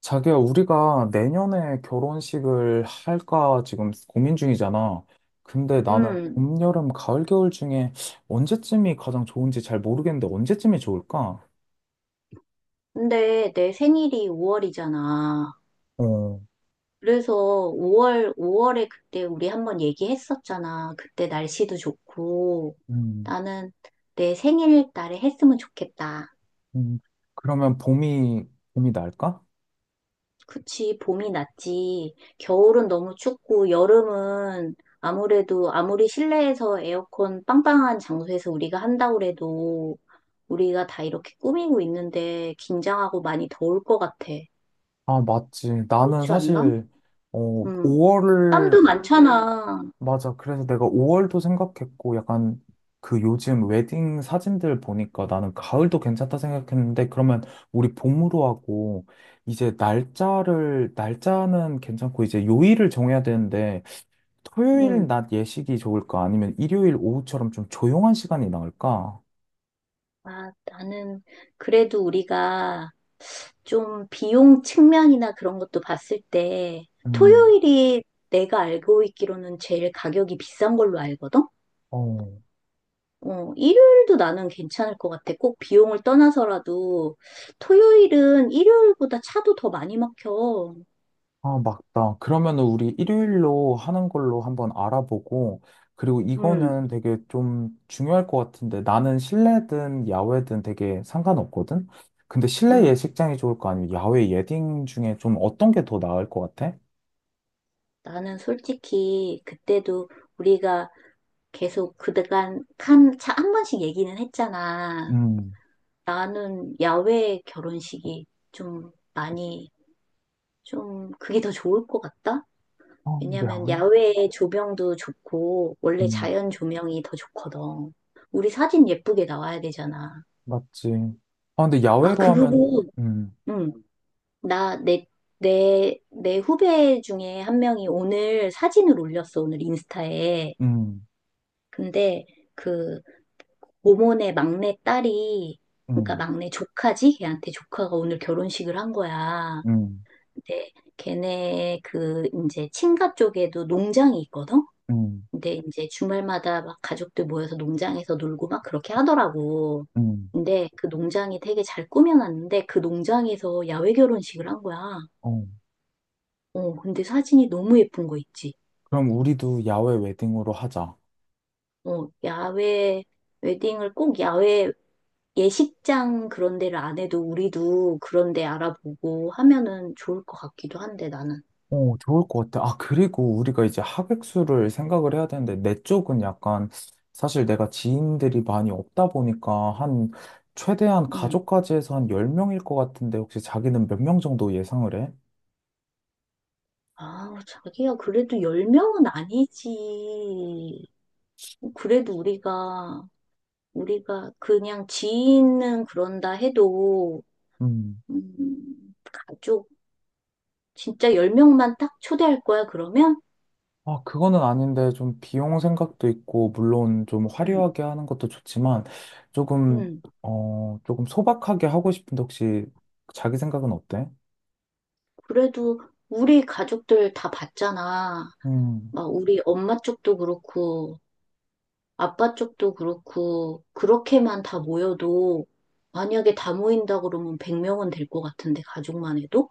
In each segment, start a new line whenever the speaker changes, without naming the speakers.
자기야, 우리가 내년에 결혼식을 할까 지금 고민 중이잖아. 근데 나는
음,
봄, 여름, 가을, 겨울 중에 언제쯤이 가장 좋은지 잘 모르겠는데 언제쯤이 좋을까?
근데 내 생일이 5월이잖아.
어,
그래서 5월, 오월에 그때 우리 한번 얘기했었잖아. 그때 날씨도 좋고.
음,
나는 내 생일 날에 했으면 좋겠다.
음. 그러면 봄이 날까?
그치, 봄이 낫지. 겨울은 너무 춥고, 여름은 아무래도 아무리 실내에서 에어컨 빵빵한 장소에서 우리가 한다고 해도 우리가 다 이렇게 꾸미고 있는데 긴장하고 많이 더울 것 같아.
아, 맞지. 나는
그렇지 않나?
사실, 어,
음.
5월
땀도 많잖아.
맞아. 그래서 내가 5월도 생각했고, 약간 그 요즘 웨딩 사진들 보니까 나는 가을도 괜찮다 생각했는데, 그러면 우리 봄으로 하고, 이제 날짜는 괜찮고, 이제 요일을 정해야 되는데, 토요일
음.
낮 예식이 좋을까? 아니면 일요일 오후처럼 좀 조용한 시간이 나을까?
아, 나는 그래도 우리가 좀 비용 측면이나 그런 것도 봤을 때
음,
토요일이 내가 알고 있기로는 제일 가격이 비싼 걸로 알거든?
어.
일요일도 나는 괜찮을 것 같아. 꼭 비용을 떠나서라도 토요일은 일요일보다 차도 더 많이 막혀.
아, 맞다. 그러면은 우리 일요일로 하는 걸로 한번 알아보고, 그리고
음,
이거는 되게 좀 중요할 것 같은데, 나는 실내든 야외든 되게 상관없거든? 근데 실내
음.
예식장이 좋을 거 아니면 야외 예딩 중에 좀 어떤 게 더 나을 것 같아?
나는 솔직히 그때도 우리가 계속 그간 한 차 한 번씩 얘기는 했잖아.
음,
나는 야외 결혼식이 좀 많이, 좀 그게 더 좋을 것 같다?
어,
왜냐면
야외?
야외 조명도 좋고, 원래
음,
자연 조명이 더 좋거든. 우리 사진 예쁘게 나와야 되잖아.
맞지. 아, 근데
아,
야외로 하면,
그리고,
음,
응, 나, 내, 내 후배 중에 한 명이 오늘 사진을 올렸어, 오늘 인스타에.
음,
근데 그, 모모네 막내 딸이, 그러니까
음,
막내 조카지? 걔한테 조카가 오늘 결혼식을 한 거야.
음,
근데 걔네 그 이제 친가 쪽에도 농장이 있거든?
음,
근데 이제 주말마다 막 가족들 모여서 농장에서 놀고 막 그렇게 하더라고.
음,
근데 그 농장이 되게 잘 꾸며놨는데 그 농장에서 야외 결혼식을 한 거야.
어.
어, 근데 사진이 너무 예쁜 거 있지.
그럼 우리도 야외 웨딩으로 하자.
어, 야외 웨딩을 꼭 야외 예식장 그런 데를 안 해도 우리도 그런 데 알아보고 하면은 좋을 것 같기도 한데 나는.
어, 좋을 것 같아. 아, 그리고 우리가 이제 하객수를 생각을 해야 되는데, 내 쪽은 약간, 사실 내가 지인들이 많이 없다 보니까, 한, 최대한
음.
가족까지 해서 한 10명일 것 같은데, 혹시 자기는 몇 명 정도 예상을 해?
아, 자기야, 그래도 10명은 아니지. 그래도 우리가 그냥 지인은 그런다 해도,
음.
가족, 진짜 10명만 딱 초대할 거야, 그러면?
아, 그거는 아닌데, 좀 비용 생각도 있고, 물론 좀
응.
화려하게 하는 것도 좋지만, 조금,
응.
어, 조금 소박하게 하고 싶은데, 혹시 자기 생각은 어때?
그래도 우리 가족들 다 봤잖아.
음.
막 우리 엄마 쪽도 그렇고, 아빠 쪽도 그렇고, 그렇게만 다 모여도, 만약에 다 모인다 그러면 100명은 될 것 같은데, 가족만 해도?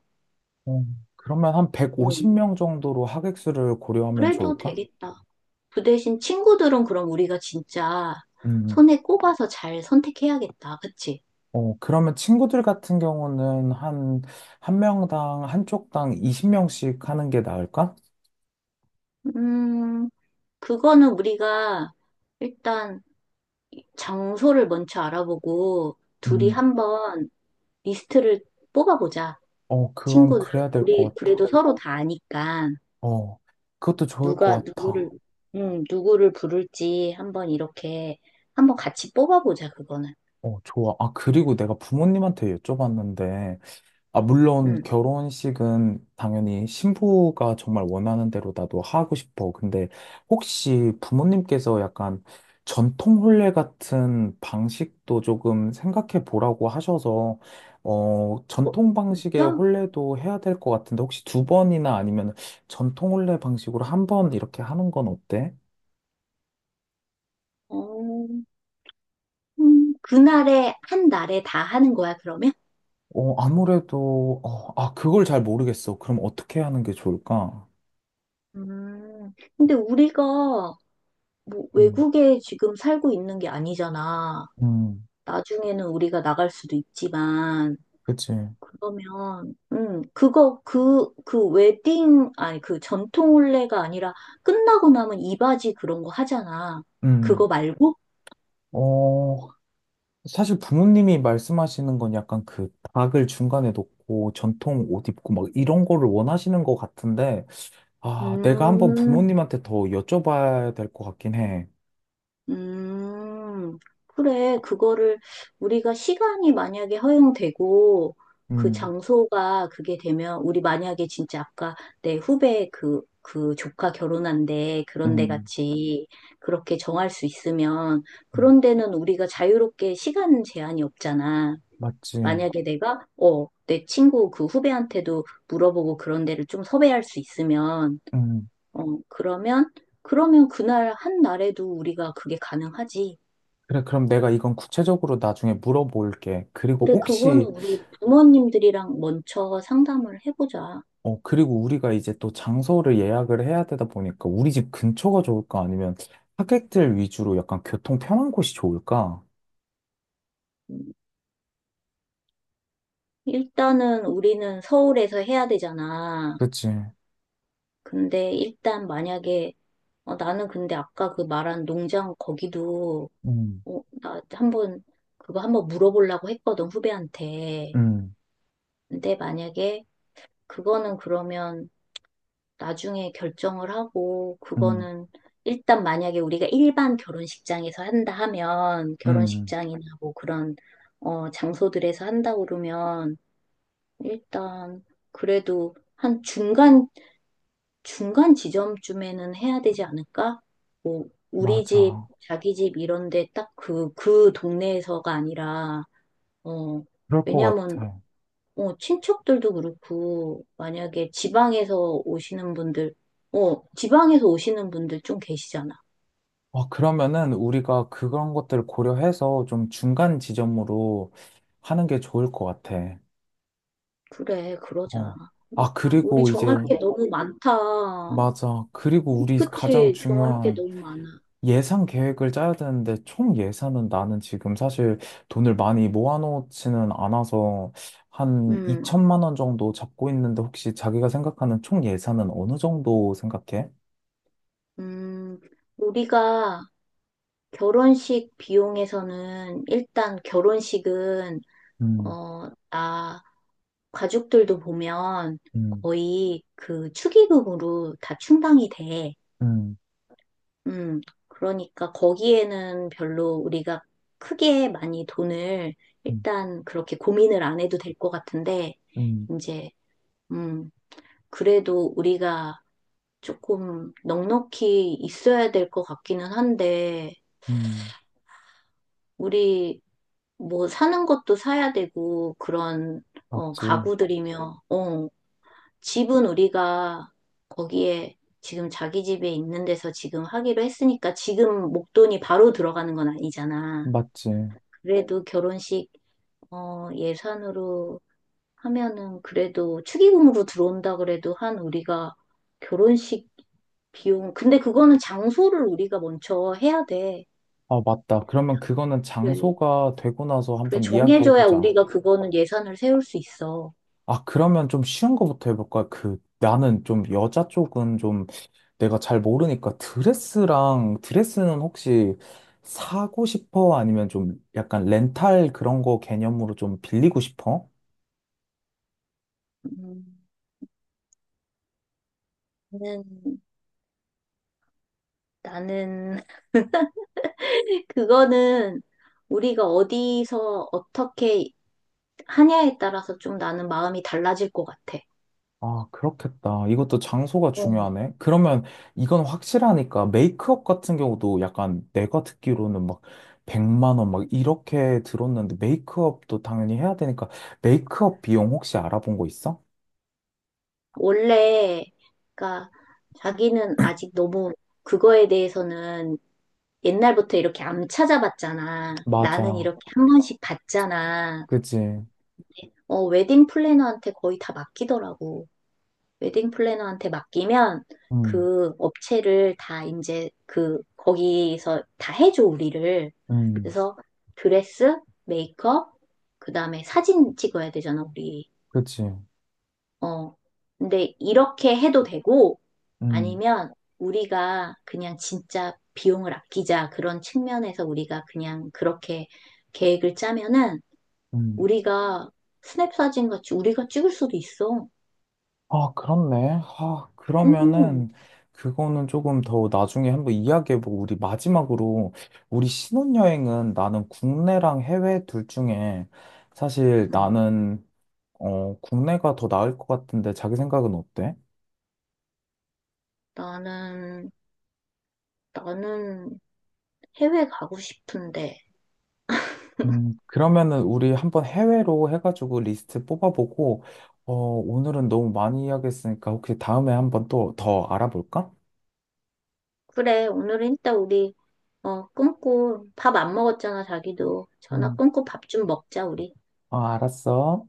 어, 그러면 한
응.
150명 정도로 하객수를 고려하면
그래도
좋을까?
되겠다. 그 대신 친구들은 그럼 우리가 진짜
음,
손에 꼽아서 잘 선택해야겠다. 그치?
어, 그러면 친구들 같은 경우는 한, 한 명당, 한쪽당 20명씩 하는 게 나을까?
음, 그거는 우리가 일단 장소를 먼저 알아보고 둘이
음,
한번 리스트를 뽑아보자.
어, 그건
친구들.
그래야 될
우리
것 같아.
그래도 서로 다 아니까
어, 그것도 좋을 것
누가 누구를,
같아.
누구를 부를지 한번 이렇게 한번 같이 뽑아보자. 그거는.
어, 좋아. 아, 그리고 내가 부모님한테 여쭤봤는데, 아, 물론
음.
결혼식은 당연히 신부가 정말 원하는 대로 나도 하고 싶어. 근데 혹시 부모님께서 약간 전통 혼례 같은 방식도 조금 생각해 보라고 하셔서, 어,
어,
전통 방식의
진짜?
혼례도 해야 될 것 같은데 혹시 두 번이나 아니면 전통 혼례 방식으로 한 번 이렇게 하는 건 어때?
어. 그날에, 한 날에 다 하는 거야, 그러면?
어, 아무래도, 어, 아, 그걸 잘 모르겠어. 그럼 어떻게 하는 게 좋을까?
음, 근데 우리가 뭐
음,
외국에 지금 살고 있는 게 아니잖아.
음,
나중에는 우리가 나갈 수도 있지만,
그치.
그러면, 그거, 그, 그 웨딩, 아니, 그 전통 혼례가 아니라 끝나고 나면 이바지 그런 거 하잖아.
음.
그거 말고?
어, 사실 부모님이 말씀하시는 건 약간 그 닭을 중간에 놓고 전통 옷 입고 막 이런 거를 원하시는 것 같은데, 아, 내가 한번
음,
부모님한테 더 여쭤봐야 될 것 같긴 해.
음, 그래. 그거를 우리가 시간이 만약에 허용되고 그
음,
장소가 그게 되면 우리 만약에 진짜 아까 내 후배 그 조카 결혼한데 그런 데
음,
같이 그렇게 정할 수 있으면
음,
그런 데는 우리가 자유롭게 시간 제한이 없잖아.
맞지.
만약에 내가, 내 친구 그 후배한테도 물어보고 그런 데를 좀 섭외할 수 있으면,
음.
어, 그러면, 그러면, 그날 한 날에도 우리가 그게 가능하지.
그래, 그럼 내가 이건 구체적으로 나중에 물어볼게. 그리고
근데 그건
혹시,
우리 부모님들이랑 먼저 상담을 해보자.
어, 그리고 우리가 이제 또 장소를 예약을 해야 되다 보니까 우리 집 근처가 좋을까? 아니면 하객들 위주로 약간 교통 편한 곳이 좋을까?
일단은 우리는 서울에서 해야 되잖아.
그치.
근데 일단 만약에 나는 근데 아까 그 말한 농장 거기도
음,
나 한번 그거 한번 물어보려고 했거든 후배한테.
음.
근데 만약에 그거는 그러면 나중에 결정을 하고,
음.
그거는 일단 만약에 우리가 일반 결혼식장에서 한다 하면,
음,
결혼식장이나 뭐 그런, 장소들에서 한다 그러면, 일단 그래도 한 중간 지점쯤에는 해야 되지 않을까? 뭐, 우리 집,
맞아.
자기 집 이런데 딱 그 동네에서가 아니라, 어,
그럴 것
왜냐면
같아.
친척들도 그렇고, 만약에 지방에서 오시는 분들, 지방에서 오시는 분들 좀 계시잖아.
아, 그러면은 우리가 그런 것들을 고려해서 좀 중간 지점으로 하는 게 좋을 것 같아.
그래, 그러자.
어. 아,
일단 우리
그리고 이제,
정할 게 그래, 너무 많다.
맞아. 그리고 우리
그
가장
치 정할 게
중요한
너무 많아.
예산 계획을 짜야 되는데 총 예산은 나는 지금 사실 돈을 많이 모아놓지는 않아서 한
음,
2천만 원 정도 잡고 있는데 혹시 자기가 생각하는 총 예산은 어느 정도 생각해?
음, 우리가 결혼식 비용에서는 일단 결혼식은,
음,
나 가족들도 보면
음,
거의 그 축의금으로 다 충당이 돼.
음,
음, 그러니까 거기에는 별로 우리가 크게 많이 돈을
음,
일단 그렇게 고민을 안 해도 될 것 같은데,
음.
이제, 음, 그래도 우리가 조금 넉넉히 있어야 될 것 같기는 한데,
음,
우리 뭐 사는 것도 사야 되고, 그런,
맞지.
가구들이며, 집은 우리가 거기에 지금 자기 집에 있는 데서 지금 하기로 했으니까 지금 목돈이 바로 들어가는 건 아니잖아.
맞지.
그래도 결혼식 예산으로 하면은 그래도 축의금으로 들어온다 그래도 한 우리가 결혼식 비용 근데 그거는 장소를 우리가 먼저 해야 돼.
아, 맞다. 그러면 그거는
그래,
장소가 되고 나서
그래
한번
정해줘야
이야기해보자.
우리가 그거는 예산을 세울 수 있어.
아, 그러면 좀 쉬운 거부터 해볼까? 그, 나는 좀 여자 쪽은 좀 내가 잘 모르니까 드레스는 혹시 사고 싶어? 아니면 좀 약간 렌탈 그런 거 개념으로 좀 빌리고 싶어?
음, 나는 나는 그거는 우리가 어디서 어떻게 하냐에 따라서 좀 나는 마음이 달라질 것 같아.
아, 그렇겠다. 이것도 장소가
어,
중요하네. 그러면 이건 확실하니까 메이크업 같은 경우도 약간 내가 듣기로는 막 100만 원 막 이렇게 들었는데 메이크업도 당연히 해야 되니까 메이크업 비용 혹시 알아본 거 있어?
원래, 그러니까 자기는 아직 너무 그거에 대해서는 옛날부터 이렇게 안 찾아봤잖아. 나는
맞아.
이렇게 한 번씩 봤잖아.
그치.
웨딩 플래너한테 거의 다 맡기더라고. 웨딩 플래너한테 맡기면
음,
그 업체를 다 이제 거기서 다 해줘, 우리를.
음,
그래서 드레스, 메이크업, 그 다음에 사진 찍어야 되잖아, 우리.
그치.
어. 근데 이렇게 해도 되고
음,
아니면 우리가 그냥 진짜 비용을 아끼자 그런 측면에서 우리가 그냥 그렇게 계획을 짜면은
음.
우리가 스냅 사진 같이 우리가 찍을 수도 있어.
아, 그렇네. 아,
음,
그러면은 그거는 조금 더 나중에 한번 이야기해보고 우리 마지막으로 우리 신혼여행은 나는 국내랑 해외 둘 중에 사실
음.
나는 어, 국내가 더 나을 것 같은데 자기 생각은 어때?
나는 나는 해외 가고 싶은데.
그러면은 우리 한번 해외로 해가지고 리스트 뽑아보고 어, 오늘은 너무 많이 이야기했으니까 혹시 다음에 한번 또 더 알아볼까?
그래, 오늘은 이따 우리 끊고 밥 안 먹었잖아, 자기도. 전화
음,
끊고 밥 좀 먹자, 우리.
아, 알았어.